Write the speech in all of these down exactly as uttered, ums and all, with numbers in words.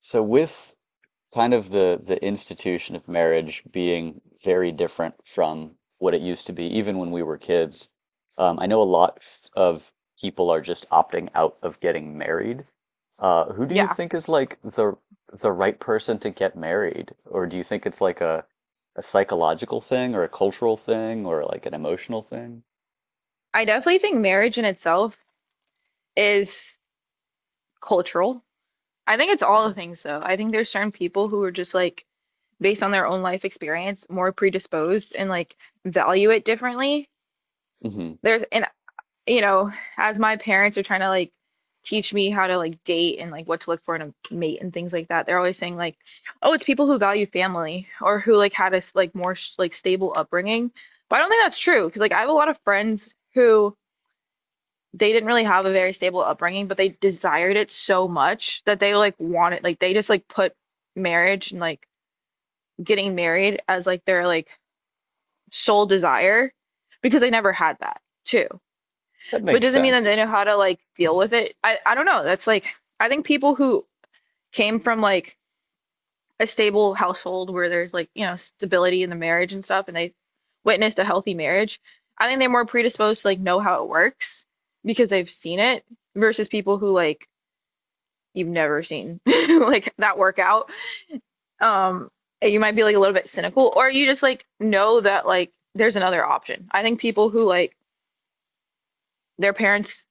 So with kind of the the institution of marriage being very different from what it used to be, even when we were kids, um, I know a lot f- of people are just opting out of getting married. Uh, who do you Yeah, think is like the the right person to get married? Or do you think it's like a a psychological thing or a cultural thing or like an emotional thing? I definitely think marriage in itself is cultural. I think it's all the things though. I think there's certain people who are just like based on their own life experience more predisposed and like value it differently. Hmm. There's and you know, as my parents are trying to like teach me how to like date and like what to look for in a mate and things like that, they're always saying like, "Oh, it's people who value family or who like had a s- like more sh- like stable upbringing." But I don't think that's true because like I have a lot of friends who they didn't really have a very stable upbringing, but they desired it so much that they like wanted like they just like put marriage and like getting married as like their like sole desire because they never had that too. That But makes it doesn't mean that they sense. know how to like deal with it. I I don't know. That's like I think people who came from like a stable household where there's like, you know, stability in the marriage and stuff and they witnessed a healthy marriage, I think they're more predisposed to like know how it works because they've seen it versus people who like you've never seen like that workout. Um, you might be like a little bit cynical, or you just like know that like there's another option. I think people who like their parents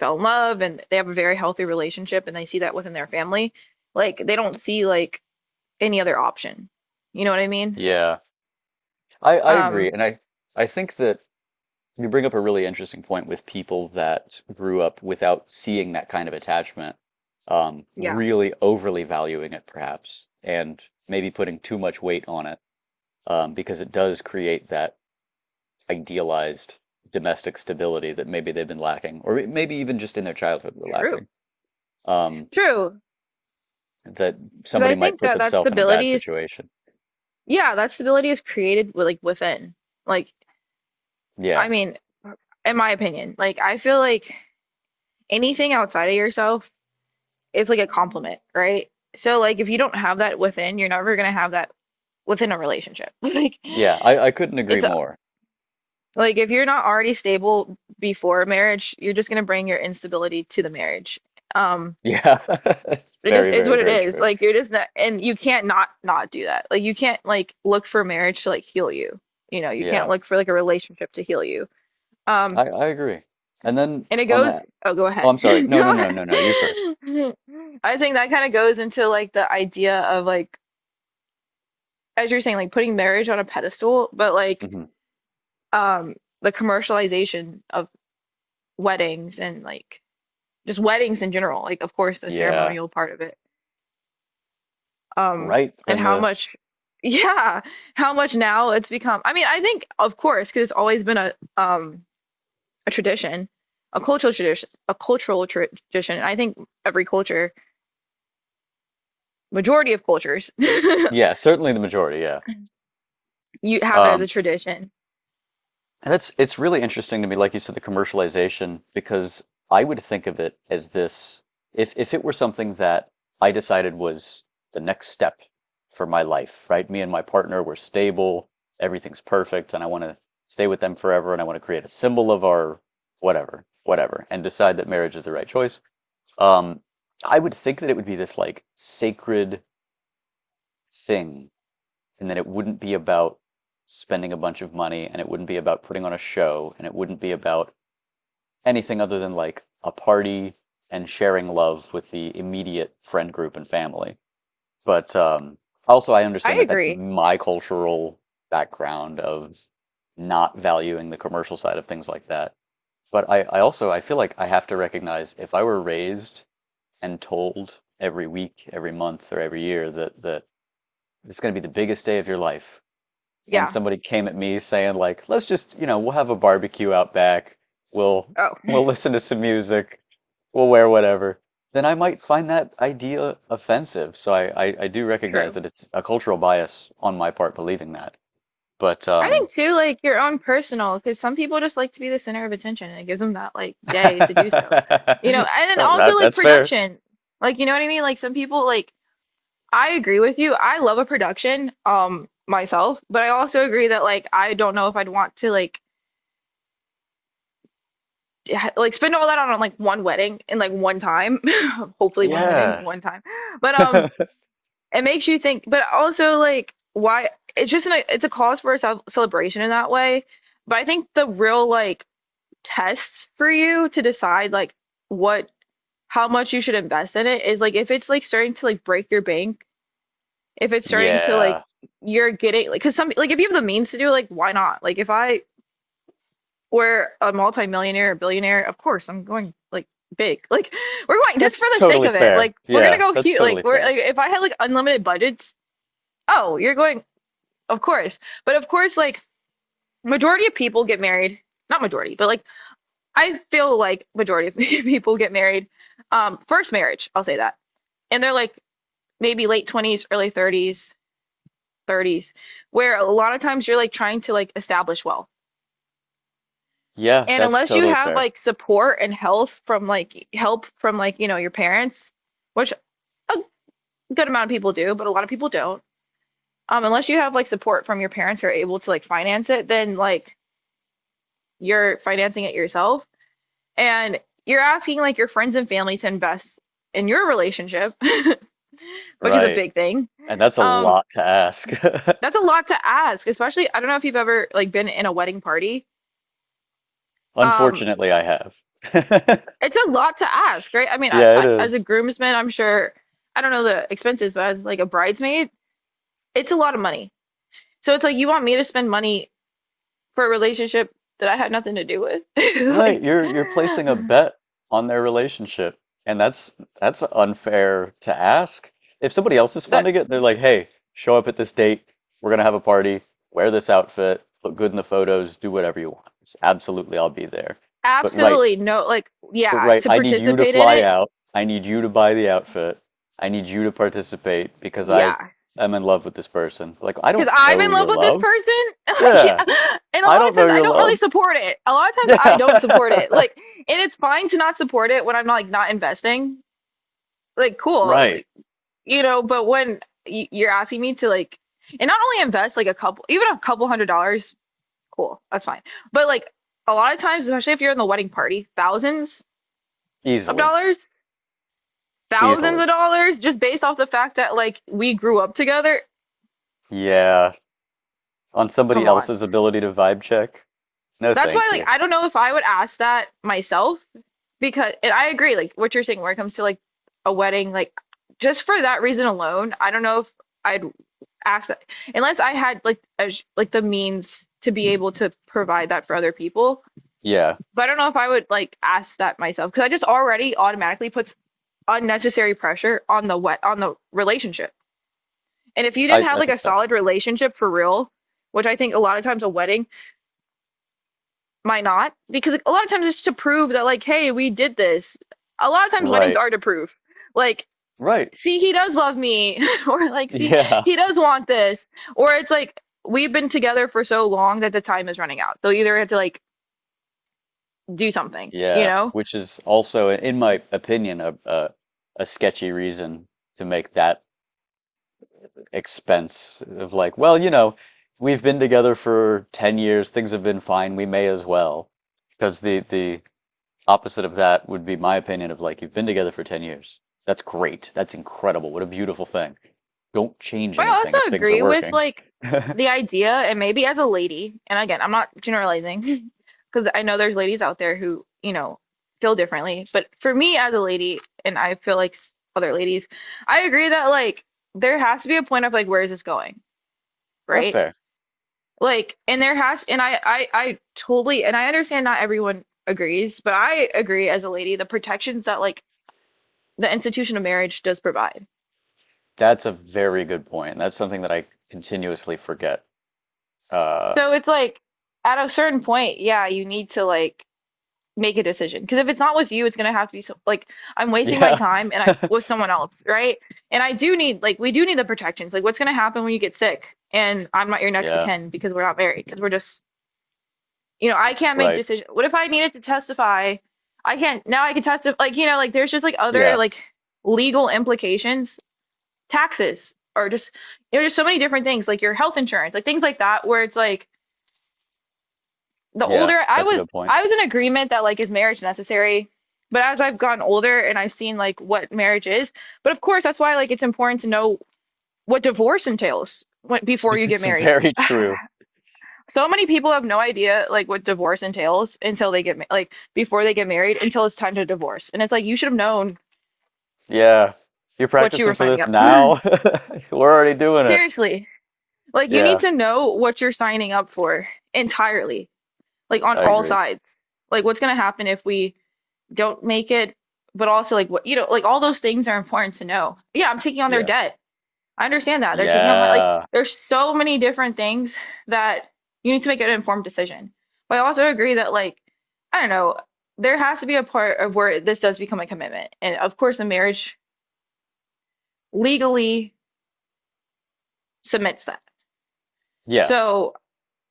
fell in love and they have a very healthy relationship and they see that within their family, like they don't see like any other option. You know what I mean? Yeah, I, I agree. Um, And I, I think that you bring up a really interesting point with people that grew up without seeing that kind of attachment, um, yeah, really overly valuing it perhaps, and maybe putting too much weight on it, um, because it does create that idealized domestic stability that maybe they've been lacking, or maybe even just in their childhood were true, lacking. Um, true. that Because somebody I might think put that that themselves in a bad stability is, situation. yeah, that stability is created with, like within. Like, Yeah. I mean, in my opinion, like I feel like anything outside of yourself it's like a compliment, right? So like if you don't have that within, you're never gonna have that within a relationship. Like Yeah, I, I couldn't agree it's a- more. like if you're not already stable before marriage, you're just gonna bring your instability to the marriage. Um, Yeah. it Very, just is very, what it very is. true. Like you're just not, and you can't not not do that. Like you can't like look for marriage to like heal you. You know, you Yeah. can't look for like a relationship to heal you. Um, I, I agree. And then and it on goes, the, oh, go oh, ahead. I'm sorry. No, no, Go no, ahead. no, no. You first. I think that kind of goes into like the idea of like as you're saying, like putting marriage on a pedestal, but like Hmm. um the commercialization of weddings and like just weddings in general, like of course the Yeah. ceremonial part of it. Um Right. and Then how the, much yeah, how much now it's become. I mean, I think of course because it's always been a um a tradition, a cultural tradition, a cultural tra- tradition. And I think every culture, majority of cultures, you yeah, certainly the majority. Yeah. have it as a Um, tradition. and that's it's really interesting to me, like you said, the commercialization, because I would think of it as this, if if it were something that I decided was the next step for my life, right? Me and my partner, we're stable, everything's perfect, and I want to stay with them forever, and I want to create a symbol of our whatever, whatever, and decide that marriage is the right choice. Um, I would think that it would be this like sacred thing, and that it wouldn't be about spending a bunch of money, and it wouldn't be about putting on a show, and it wouldn't be about anything other than like a party and sharing love with the immediate friend group and family. But um, also, I understand I that that's agree. my cultural background of not valuing the commercial side of things like that. But I, I also I feel like I have to recognize if I were raised and told every week, every month, or every year that that it's going to be the biggest day of your life. And Yeah. somebody came at me saying like, "Let's just, you know, we'll have a barbecue out back. We'll Oh, we'll listen to some music. We'll wear whatever." Then I might find that idea offensive. So I I, I do recognize true. that it's a cultural bias on my part believing that. But I um, think too, like your own personal, because some people just like to be the center of attention and it gives them that like day to do so. that, You know, and then also that, like that's fair. production. Like, you know what I mean? Like some people like I agree with you. I love a production, um, myself, but I also agree that like I don't know if I'd want to like d- ha- like spend all that on like one wedding in like one time. Hopefully one wedding, Yeah. one time. But um it makes you think, but also like why it's just an, it's a cause for a ce- celebration in that way. But I think the real like tests for you to decide like what how much you should invest in it is like if it's like starting to like break your bank, if it's starting to like Yeah. you're getting like because some like if you have the means to do it, like why not? Like if I were a multimillionaire or billionaire, of course I'm going like big. Like we're going just That's for the sake totally of it. fair. Like we're gonna Yeah, go that's huge. totally Like we're fair. like if I had like unlimited budgets, oh, you're going of course. But of course, like majority of people get married, not majority, but like I feel like majority of people get married, um, first marriage, I'll say that. And they're like maybe late twenties, early thirties, thirties, where a lot of times you're like trying to like establish wealth. Yeah, And that's unless you totally have fair. like support and health from like help from like, you know, your parents, which a good amount of people do, but a lot of people don't. Um, unless you have like support from your parents who are able to like finance it, then like you're financing it yourself. And you're asking like your friends and family to invest in your relationship which is a Right. big thing. And that's a Um, lot to ask. that's a lot to ask, especially I don't know if you've ever like been in a wedding party. Um, Unfortunately, I have. it's a lot to ask, right? I mean, I, Yeah, it I, as a is. groomsman, I'm sure I don't know the expenses, but as like a bridesmaid, it's a lot of money. So it's like you want me to spend money for a relationship that I had nothing to do with, Right, like you're you're placing a bet on their relationship, and that's that's unfair to ask. If somebody else is that funding it, they're like, "Hey, show up at this date. We're gonna have a party. Wear this outfit. Look good in the photos. Do whatever you want. Absolutely, I'll be there." But right, absolutely no, like but yeah, right, to I need you to participate in fly it, out. I need you to buy the outfit. I need you to participate because I yeah. am in love with this person. Like, I Because don't I'm know in love your with this love. person. Like, yeah. Yeah. And a I lot don't of know times I your don't love. really support it. A lot of times I Yeah. don't support it. Like, and it's fine to not support it when I'm like not investing. Like, cool. Right. Like, you know, but when y- you're asking me to like, and not only invest like a couple, even a couple hundred dollars, cool, that's fine. But like a lot of times, especially if you're in the wedding party, thousands of Easily. dollars, thousands Easily. of dollars, just based off the fact that like we grew up together. Yeah. On somebody Come on. else's ability to vibe check? No, That's why, thank like, you. I don't know if I would ask that myself because and I agree, like what you're saying, where it comes to like a wedding, like just for that reason alone, I don't know if I'd ask that unless I had like a, sh- like the means to be able to provide that for other people. Yeah. But I don't know if I would like ask that myself because I just already automatically puts unnecessary pressure on the wet on the relationship. And if you didn't I, have I like think a so. solid relationship for real, which I think a lot of times a wedding might not, because like, a lot of times it's to prove that like, hey, we did this. A lot of times weddings Right. are to prove. Like Right. see, he does love me, or like, see, Yeah. he does want this, or it's like we've been together for so long that the time is running out. So either we have to like do something, you Yeah. know? Which is also, in my opinion, a, a, a sketchy reason to make that expense of like, well, you know, we've been together for ten years, things have been fine, we may as well. Because the the opposite of that would be my opinion of like, you've been together for ten years. That's great. That's incredible. What a beautiful thing. Don't change But I anything also if things are agree with working. like the idea, and maybe as a lady, and again, I'm not generalizing because I know there's ladies out there who, you know, feel differently. But for me as a lady, and I feel like other ladies, I agree that like there has to be a point of like, where is this going? That's Right? fair. Like, and there has, and I, I, I totally, and I understand not everyone agrees, but I agree as a lady, the protections that like the institution of marriage does provide. That's a very good point. That's something that I continuously forget. Uh, So it's like at a certain point, yeah, you need to like make a decision because if it's not with you, it's gonna have to be so, like I'm wasting my yeah. time and I with someone else, right? And I do need like we do need the protections. Like, what's gonna happen when you get sick and I'm not your next of Yeah, kin because we're not married because we're just you know, I can't make right. decisions. What if I needed to testify? I can't now I can testify like you know, like there's just like other Yeah. like legal implications, taxes or just you know, there's so many different things, like your health insurance, like things like that, where it's like the Yeah, older I that's a was good point. I was in agreement that like is marriage necessary, but as I've gotten older and I've seen like what marriage is, but of course that's why like it's important to know what divorce entails when, before you get It's married very true. so many people have no idea like what divorce entails until they get ma like before they get married until it's time to divorce. And it's like you should have known Yeah. You're what you practicing were for signing this up for. now? We're already doing it. Seriously. Like you need Yeah, to know what you're signing up for entirely, like on I all agree. sides. Like what's going to happen if we don't make it, but also like what you know, like all those things are important to know. Yeah, I'm taking on their Yeah. debt. I understand that. They're taking out my like Yeah. there's so many different things that you need to make an informed decision. But I also agree that like I don't know, there has to be a part of where this does become a commitment. And of course the marriage legally submits that. Yeah. So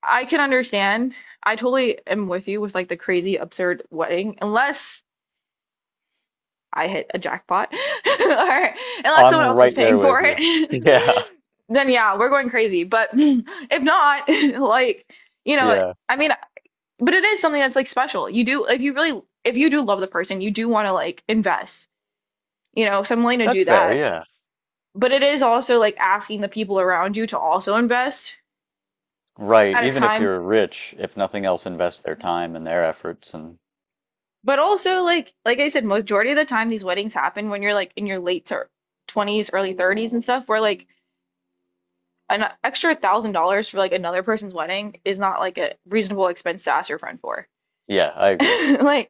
I can understand. I totally am with you with like the crazy absurd wedding unless I hit a jackpot, or unless I'm someone else is right there paying with for you. Yeah. it, then yeah, we're going crazy. But if not, like, you know, Yeah. I mean, but it is something that's like special. You do, if you really, if you do love the person, you do want to like invest, you know, so I'm willing to That's do fair. that. Yeah. But it is also like asking the people around you to also invest Right. at a Even if time. you're rich, if nothing else, invest their time and their efforts. And But also like like I said, majority of the time these weddings happen when you're like in your late to twenties, early thirties and stuff, where like an extra thousand dollars for like another person's wedding is not like a reasonable expense to ask your friend for. yeah, I agree. Like,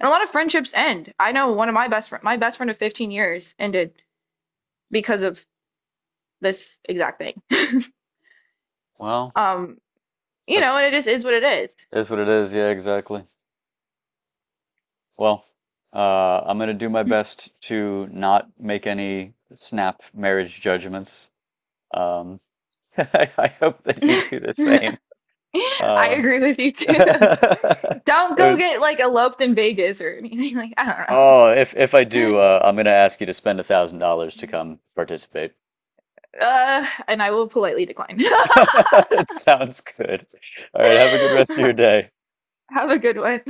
and a lot of friendships end. I know one of my best friend, my best friend of fifteen years ended because of this exact thing. Well, Um, you know, that's and it just is what it is. is what it is. Yeah, exactly. Well, uh, I'm gonna do my best to not make any snap marriage judgments. Um, I hope that you do the same. I Uh, agree with you too. it Don't go was, get like eloped in Vegas or anything. Like, I oh, if if I do, don't know. uh, I'm gonna ask you to spend a thousand dollars to come participate. Uh, and I will politely decline. It sounds good. All right, have a good rest of your day. Have a good one.